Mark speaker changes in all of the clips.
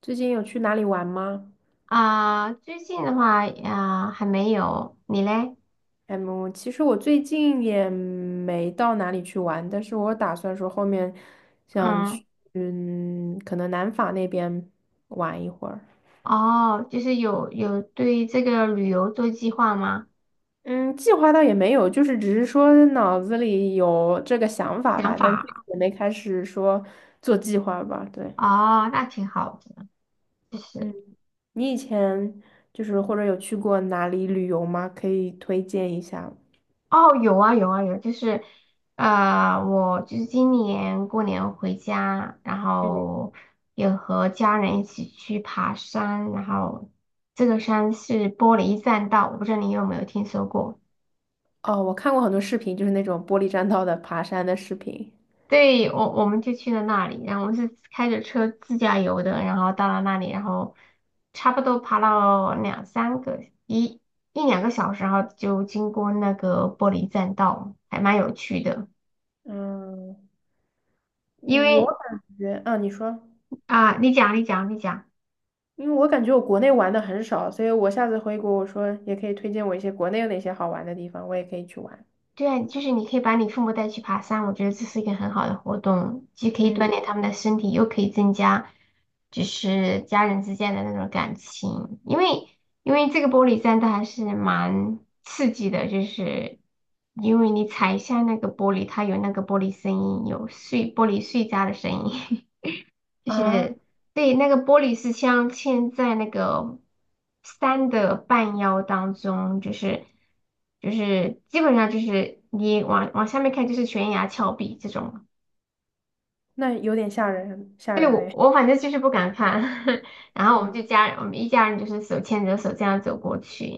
Speaker 1: 最近有去哪里玩吗？
Speaker 2: 啊，最近的话啊，还没有，你嘞？
Speaker 1: 嗯，其实我最近也没到哪里去玩，但是我打算说后面想
Speaker 2: 嗯。
Speaker 1: 去，嗯，可能南法那边玩一会儿。
Speaker 2: 哦，就是有对这个旅游做计划吗？
Speaker 1: 嗯，计划倒也没有，就是只是说脑子里有这个想法
Speaker 2: 想
Speaker 1: 吧，但具体
Speaker 2: 法？
Speaker 1: 也没开始说做计划吧。对，
Speaker 2: 哦，那挺好的。就是。
Speaker 1: 嗯，你以前就是或者有去过哪里旅游吗？可以推荐一下。
Speaker 2: 哦，有啊有啊有，就是。我就是今年过年回家，然
Speaker 1: 嗯，
Speaker 2: 后有和家人一起去爬山，然后这个山是玻璃栈道，我不知道你有没有听说过。
Speaker 1: 哦，我看过很多视频，就是那种玻璃栈道的爬山的视频。
Speaker 2: 对，我们就去了那里，然后我们是开着车自驾游的，然后到了那里，然后差不多爬了两三个一一两个小时，然后就经过那个玻璃栈道，还蛮有趣的。
Speaker 1: 嗯，
Speaker 2: 因
Speaker 1: 我
Speaker 2: 为
Speaker 1: 感觉啊，你说，
Speaker 2: 啊，你讲，你讲，你讲。
Speaker 1: 因为我感觉我国内玩的很少，所以我下次回国，我说也可以推荐我一些国内有哪些好玩的地方，我也可以去玩。
Speaker 2: 对啊，就是你可以把你父母带去爬山，我觉得这是一个很好的活动，既可以锻
Speaker 1: 嗯，
Speaker 2: 炼他们的身体，又可以增加就是家人之间的那种感情。因为这个玻璃栈道还是蛮刺激的，就是。因为你踩一下那个玻璃，它有那个玻璃声音，有碎玻璃碎渣的声音。
Speaker 1: 啊，
Speaker 2: 对，那个玻璃是镶嵌在那个山的半腰当中，就是基本上就是你往下面看就是悬崖峭壁这种。
Speaker 1: 那有点吓人，吓
Speaker 2: 对，
Speaker 1: 人
Speaker 2: 我
Speaker 1: 哎。
Speaker 2: 我反正就是不敢看，然后我们
Speaker 1: 嗯，
Speaker 2: 就家人我们一家人就是手牵着手这样走过去。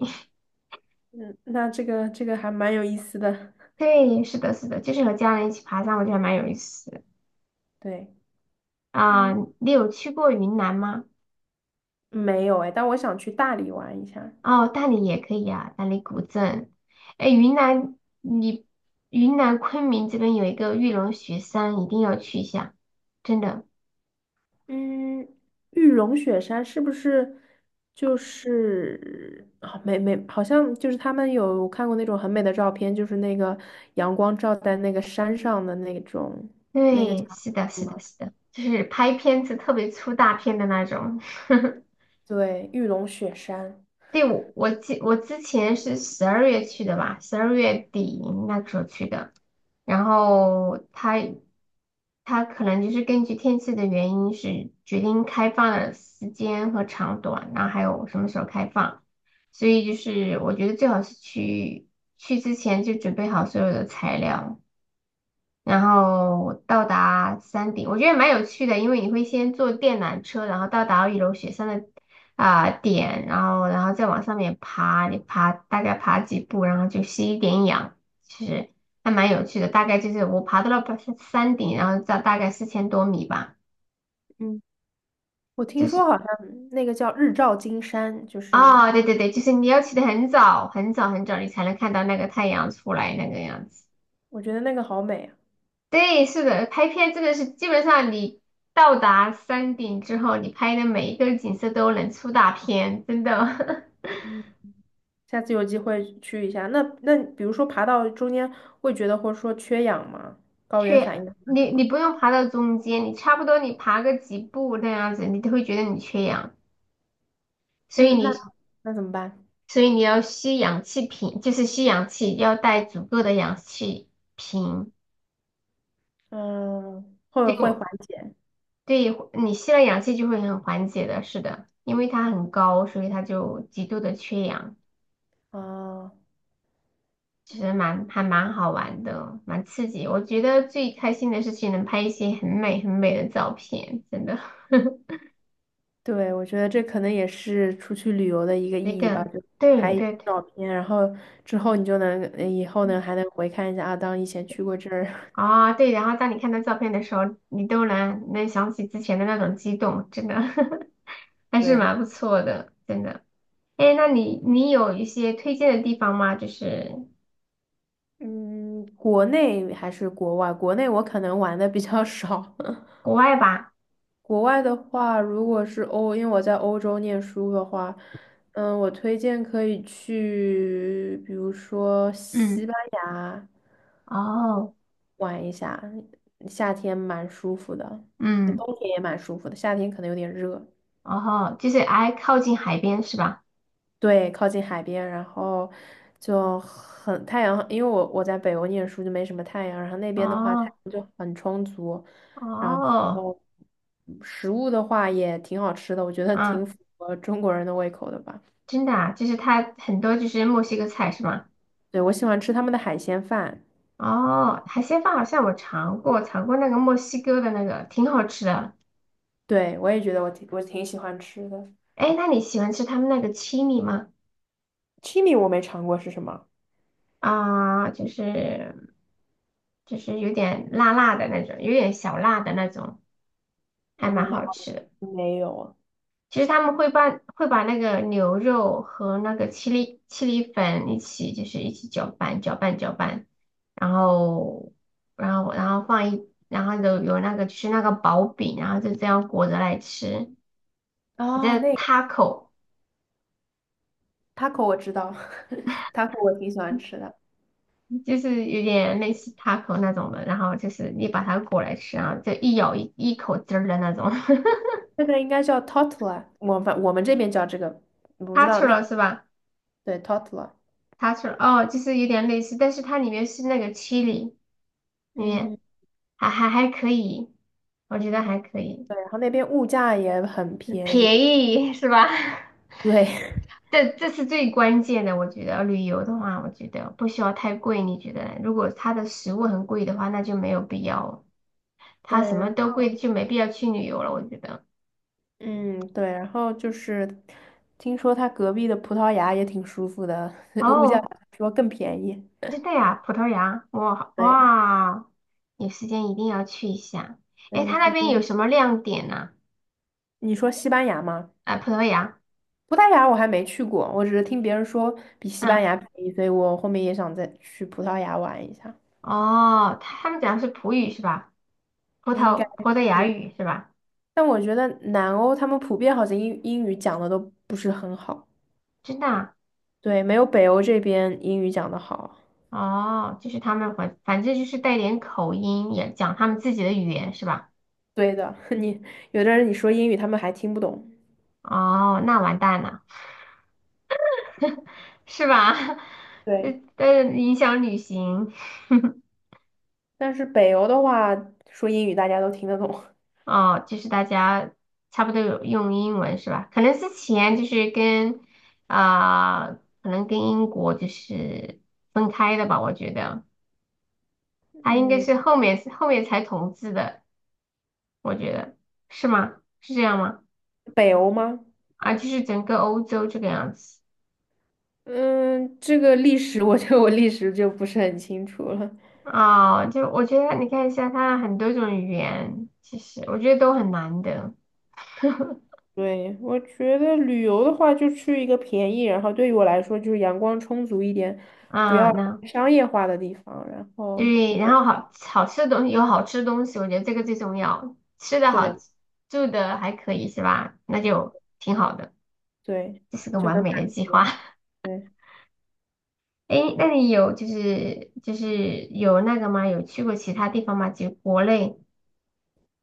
Speaker 1: 嗯，那这个还蛮有意思的。
Speaker 2: 对，是的，是的，就是和家人一起爬山，我觉得还蛮有意思的
Speaker 1: 对，嗯，
Speaker 2: 啊。你有去过云南吗？
Speaker 1: 没有哎，但我想去大理玩一下。
Speaker 2: 哦，大理也可以啊，大理古镇。哎，云南昆明这边有一个玉龙雪山，一定要去一下，真的。
Speaker 1: 嗯，玉龙雪山是不是就是啊、没没，好像就是他们有看过那种很美的照片，就是那个阳光照在那个山上的那种，那个叫
Speaker 2: 对，是的，
Speaker 1: 什
Speaker 2: 是的，
Speaker 1: 么？
Speaker 2: 是的，就是拍片子特别出大片的那种。
Speaker 1: 对，玉龙雪山。
Speaker 2: 对，我之前是十二月去的吧，12月底那个时候去的，然后他可能就是根据天气的原因是决定开放的时间和长短，然后还有什么时候开放。所以就是我觉得最好是去之前就准备好所有的材料，然后到达山顶，我觉得蛮有趣的，因为你会先坐电缆车，然后到达一楼雪山的点，然后再往上面爬，你大概爬几步，然后就吸一点氧，其实还蛮有趣的。大概就是我爬到了山顶，然后到大概4000多米吧，
Speaker 1: 嗯，我听
Speaker 2: 就
Speaker 1: 说
Speaker 2: 是。
Speaker 1: 好像那个叫日照金山，就是
Speaker 2: 哦，对对对，就是你要起得很早很早很早，你才能看到那个太阳出来那个样子。
Speaker 1: 我觉得那个好美啊。
Speaker 2: 对，是的，拍片真的是基本上你到达山顶之后，你拍的每一个景色都能出大片，真的。
Speaker 1: 嗯，下次有机会去一下。那比如说爬到中间会觉得或者说缺氧吗？高原反
Speaker 2: 缺
Speaker 1: 应啊
Speaker 2: 你
Speaker 1: 什
Speaker 2: 你
Speaker 1: 么？
Speaker 2: 不用爬到中间，你差不多你爬个几步那样子，你都会觉得你缺氧，所以
Speaker 1: 嗯，那
Speaker 2: 你
Speaker 1: 那怎么办？
Speaker 2: 所以你要吸氧气瓶，就是吸氧气，要带足够的氧气瓶。
Speaker 1: 嗯，会
Speaker 2: 对
Speaker 1: 会缓
Speaker 2: 我
Speaker 1: 解。
Speaker 2: 对你吸了氧气就会很缓解的，是的，因为它很高，所以它就极度的缺氧。
Speaker 1: 啊，
Speaker 2: 其实还蛮好玩的，蛮刺激。我觉得最开心的事情能拍一些很美很美的照片，真的。
Speaker 1: 对，我觉得这可能也是出去旅游的一个
Speaker 2: 那
Speaker 1: 意义吧，
Speaker 2: 个，
Speaker 1: 就拍
Speaker 2: 对
Speaker 1: 一些
Speaker 2: 对对。
Speaker 1: 照片，然后之后你就能，以后呢还能回看一下啊，当以前去过这儿。
Speaker 2: 对。然后当你看到照片的时候，你都能想起之前的那种激动，真的 还是
Speaker 1: 对，
Speaker 2: 蛮不错的，真的。哎，那你有一些推荐的地方吗？就是。
Speaker 1: 嗯，国内还是国外？国内我可能玩的比较少，
Speaker 2: 国外吧？
Speaker 1: 国外的话，如果是欧，因为我在欧洲念书的话，嗯，我推荐可以去，比如说
Speaker 2: 嗯。
Speaker 1: 西班牙。
Speaker 2: 哦，
Speaker 1: 玩一下，夏天蛮舒服的，嗯，
Speaker 2: 嗯。
Speaker 1: 冬天也蛮舒服的，夏天可能有点热。
Speaker 2: 哦，就是挨靠近海边是吧？
Speaker 1: 对，靠近海边，然后就很太阳，因为我在北欧念书就没什么太阳，然后那边的话太
Speaker 2: 哦
Speaker 1: 阳就很充足，然
Speaker 2: 哦，
Speaker 1: 后食物的话也挺好吃的，我觉得挺
Speaker 2: 嗯。
Speaker 1: 符合中国人的胃口的吧。
Speaker 2: 真的啊，就是它很多就是墨西哥菜是吗？
Speaker 1: 对，我喜欢吃他们的海鲜饭，
Speaker 2: 哦，海鲜饭好像我尝过那个墨西哥的那个，挺好吃的。
Speaker 1: 对，我也觉得我挺喜欢吃的。
Speaker 2: 哎，那你喜欢吃他们那个青米吗？
Speaker 1: Chimi 我没尝过是什么？
Speaker 2: 啊、就是就是有点辣辣的那种，有点小辣的那种，还蛮
Speaker 1: 嗯，好，
Speaker 2: 好吃的。
Speaker 1: 没有啊，
Speaker 2: 其实他们会把那个牛肉和那个七粒粉一起，就是一起搅拌搅拌，然后然后然后有那个就是那个薄饼，然后就这样裹着来吃，叫
Speaker 1: 啊，那
Speaker 2: taco,
Speaker 1: taco 我知道 ，taco 我挺喜欢吃的。
Speaker 2: 就是有点类似 taco 那种的，然后就是你把它裹来吃，然后就一咬一口汁儿的那种
Speaker 1: 那个应该叫 t o r t i l a， 我们这边叫这个，我不知道
Speaker 2: ，taco
Speaker 1: 那，
Speaker 2: 了是吧
Speaker 1: 对 t o r t i l a。
Speaker 2: ？taco 哦，就是有点类似，但是它里面是那个七 h 也
Speaker 1: 嗯，
Speaker 2: 还可以，我觉得还可以，
Speaker 1: 对，然后那边物价也很便宜。
Speaker 2: 便宜是吧？
Speaker 1: 对
Speaker 2: 这是最关键的，我觉得旅游的话，我觉得不需要太贵，你觉得呢如果它的食物很贵的话，那就没有必要，
Speaker 1: 对，
Speaker 2: 它什么都贵，就没必要去旅游了，我觉得。
Speaker 1: 嗯，对。然后就是听说他隔壁的葡萄牙也挺舒服的，物价好
Speaker 2: 哦，
Speaker 1: 像说更便宜。
Speaker 2: 真的呀，葡萄牙，哇
Speaker 1: 对，
Speaker 2: 哇，有时间一定要去一下。
Speaker 1: 对，
Speaker 2: 诶，
Speaker 1: 有
Speaker 2: 它
Speaker 1: 时
Speaker 2: 那边有
Speaker 1: 间。
Speaker 2: 什么亮点呢？
Speaker 1: 你说西班牙吗？
Speaker 2: 啊，葡萄牙，
Speaker 1: 葡萄牙我还没去过，我只是听别人说比西班
Speaker 2: 嗯。
Speaker 1: 牙便宜，所以我后面也想再去葡萄牙玩一下。
Speaker 2: 哦，他们讲的是葡语是吧？葡
Speaker 1: 应该
Speaker 2: 萄葡萄牙
Speaker 1: 是，
Speaker 2: 语是吧？
Speaker 1: 但我觉得南欧他们普遍好像英语讲的都不是很好，
Speaker 2: 真的啊。
Speaker 1: 对，没有北欧这边英语讲的好。
Speaker 2: 哦，就是他们反正就是带点口音，也讲他们自己的语言是吧？
Speaker 1: 对的，你有的人你说英语他们还听不懂，
Speaker 2: 哦，那完蛋了，是吧？这
Speaker 1: 对，
Speaker 2: 影响旅行
Speaker 1: 但是北欧的话说英语大家都听得懂。
Speaker 2: 哦，就是大家差不多有用英文是吧？可能之前就是跟啊、可能跟英国就是分开的吧，我觉得它应该
Speaker 1: 嗯，
Speaker 2: 是后面才统治的，我觉得。是吗？是这样吗？
Speaker 1: 北欧吗？
Speaker 2: 啊，就是整个欧洲这个样子
Speaker 1: 嗯，这个历史我觉得我历史就不是很清楚了。
Speaker 2: 啊，就我觉得你看一下，它很多种语言，其实我觉得都很难的
Speaker 1: 对，我觉得旅游的话，就去一个便宜，然后对于我来说就是阳光充足一点，不
Speaker 2: 啊。
Speaker 1: 要
Speaker 2: 那
Speaker 1: 太商业化的地方，然后。
Speaker 2: 对，然后好好吃的东西有好吃的东西，我觉得这个最重要，吃的好，
Speaker 1: 对，
Speaker 2: 住的还可以是吧？那就挺好的，
Speaker 1: 对，
Speaker 2: 这是个
Speaker 1: 就
Speaker 2: 完
Speaker 1: 能
Speaker 2: 美的
Speaker 1: 满足
Speaker 2: 计划。
Speaker 1: 了。对，
Speaker 2: 诶，那你有就是有那个吗？有去过其他地方吗？就国内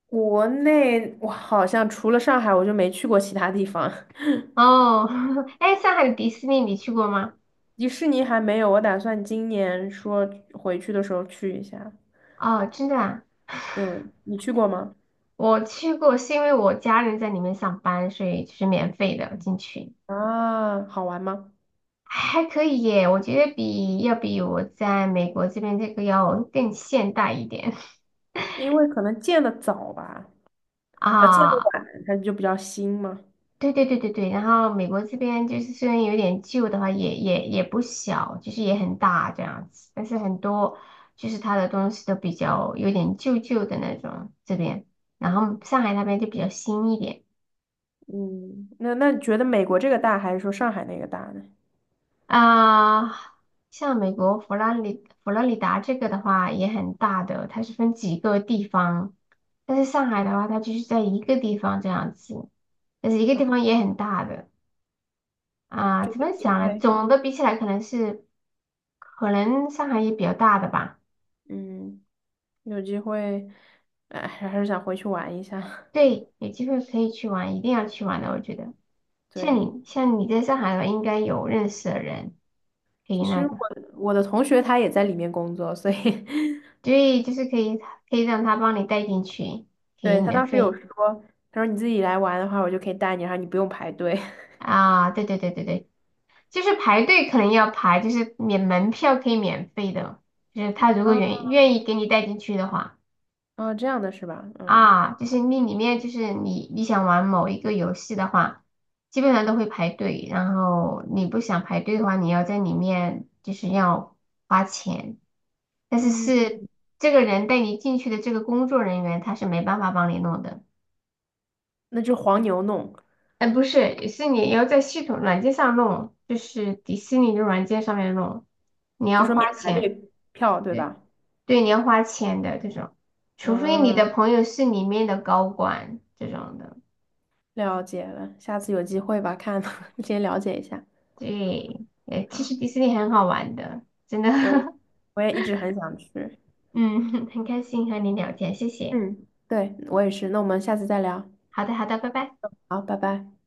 Speaker 1: 国内我好像除了上海，我就没去过其他地方。
Speaker 2: 哦。诶，上海的迪士尼你去过吗？
Speaker 1: 迪士尼还没有，我打算今年说回去的时候去一下。
Speaker 2: 哦，真的啊。
Speaker 1: 嗯，你去过吗？
Speaker 2: 我去过，是因为我家人在里面上班，所以就是免费的进去，
Speaker 1: 啊，好玩吗？
Speaker 2: 还可以耶。我觉得要比我在美国这边这个要更现代一点
Speaker 1: 因为可能建的早吧，啊，建的
Speaker 2: 啊。
Speaker 1: 晚，它就比较新嘛。
Speaker 2: 对对对对对，然后美国这边就是虽然有点旧的话，也不小，就是也很大这样子，但是很多就是它的东西都比较有点旧旧的那种这边，然后上海那边就比较新一点。
Speaker 1: 嗯，那你觉得美国这个大还是说上海那个大呢？
Speaker 2: 啊，像美国佛罗里达这个的话也很大的，它是分几个地方，但是上海的话，它就是在一个地方这样子，但是一个地
Speaker 1: 啊，
Speaker 2: 方也很大的啊，怎么
Speaker 1: 有机
Speaker 2: 讲呢？
Speaker 1: 会，
Speaker 2: 总的比起来，可能上海也比较大的吧。
Speaker 1: 嗯，有机会，哎，还是想回去玩一下。
Speaker 2: 对，有机会可以去玩，一定要去玩的，我觉得。像
Speaker 1: 对。
Speaker 2: 你像你在上海的话，应该有认识的人可以
Speaker 1: 其
Speaker 2: 那
Speaker 1: 实我
Speaker 2: 个，
Speaker 1: 我的同学他也在里面工作，所以
Speaker 2: 对，就是可以让他帮你带进去，可以
Speaker 1: 对，他
Speaker 2: 免
Speaker 1: 当时有
Speaker 2: 费。
Speaker 1: 说，他说你自己来玩的话，我就可以带你，然后你不用排队。
Speaker 2: 啊，对对对对对，就是排队可能要排，就是免门票可以免费的，就是他如果
Speaker 1: 啊，
Speaker 2: 愿意给你带进去的话，
Speaker 1: 啊，这样的是吧？嗯，
Speaker 2: 啊，就是那里面就是你想玩某一个游戏的话，基本上都会排队，然后你不想排队的话，你要在里面就是要花钱，但是
Speaker 1: 嗯，
Speaker 2: 是这个人带你进去的这个工作人员他是没办法帮你弄的。
Speaker 1: 那就黄牛弄，
Speaker 2: 哎，不是，是你要在系统软件上弄，就是迪士尼的软件上面弄，你
Speaker 1: 就
Speaker 2: 要
Speaker 1: 说免
Speaker 2: 花
Speaker 1: 排
Speaker 2: 钱，
Speaker 1: 队票，对
Speaker 2: 对
Speaker 1: 吧？
Speaker 2: 对，你要花钱的这种，除非你的
Speaker 1: 啊，
Speaker 2: 朋友是里面的高管这种的，
Speaker 1: 了解了，下次有机会吧，看 先了解一下。
Speaker 2: 对，其
Speaker 1: 啊，
Speaker 2: 实迪士尼很好玩的，真的，
Speaker 1: 我也我也一直很想去。
Speaker 2: 嗯，很开心和你聊天，谢谢，
Speaker 1: 嗯，对，我也是。那我们下次再聊。
Speaker 2: 好的好的，拜拜。
Speaker 1: 好，拜拜。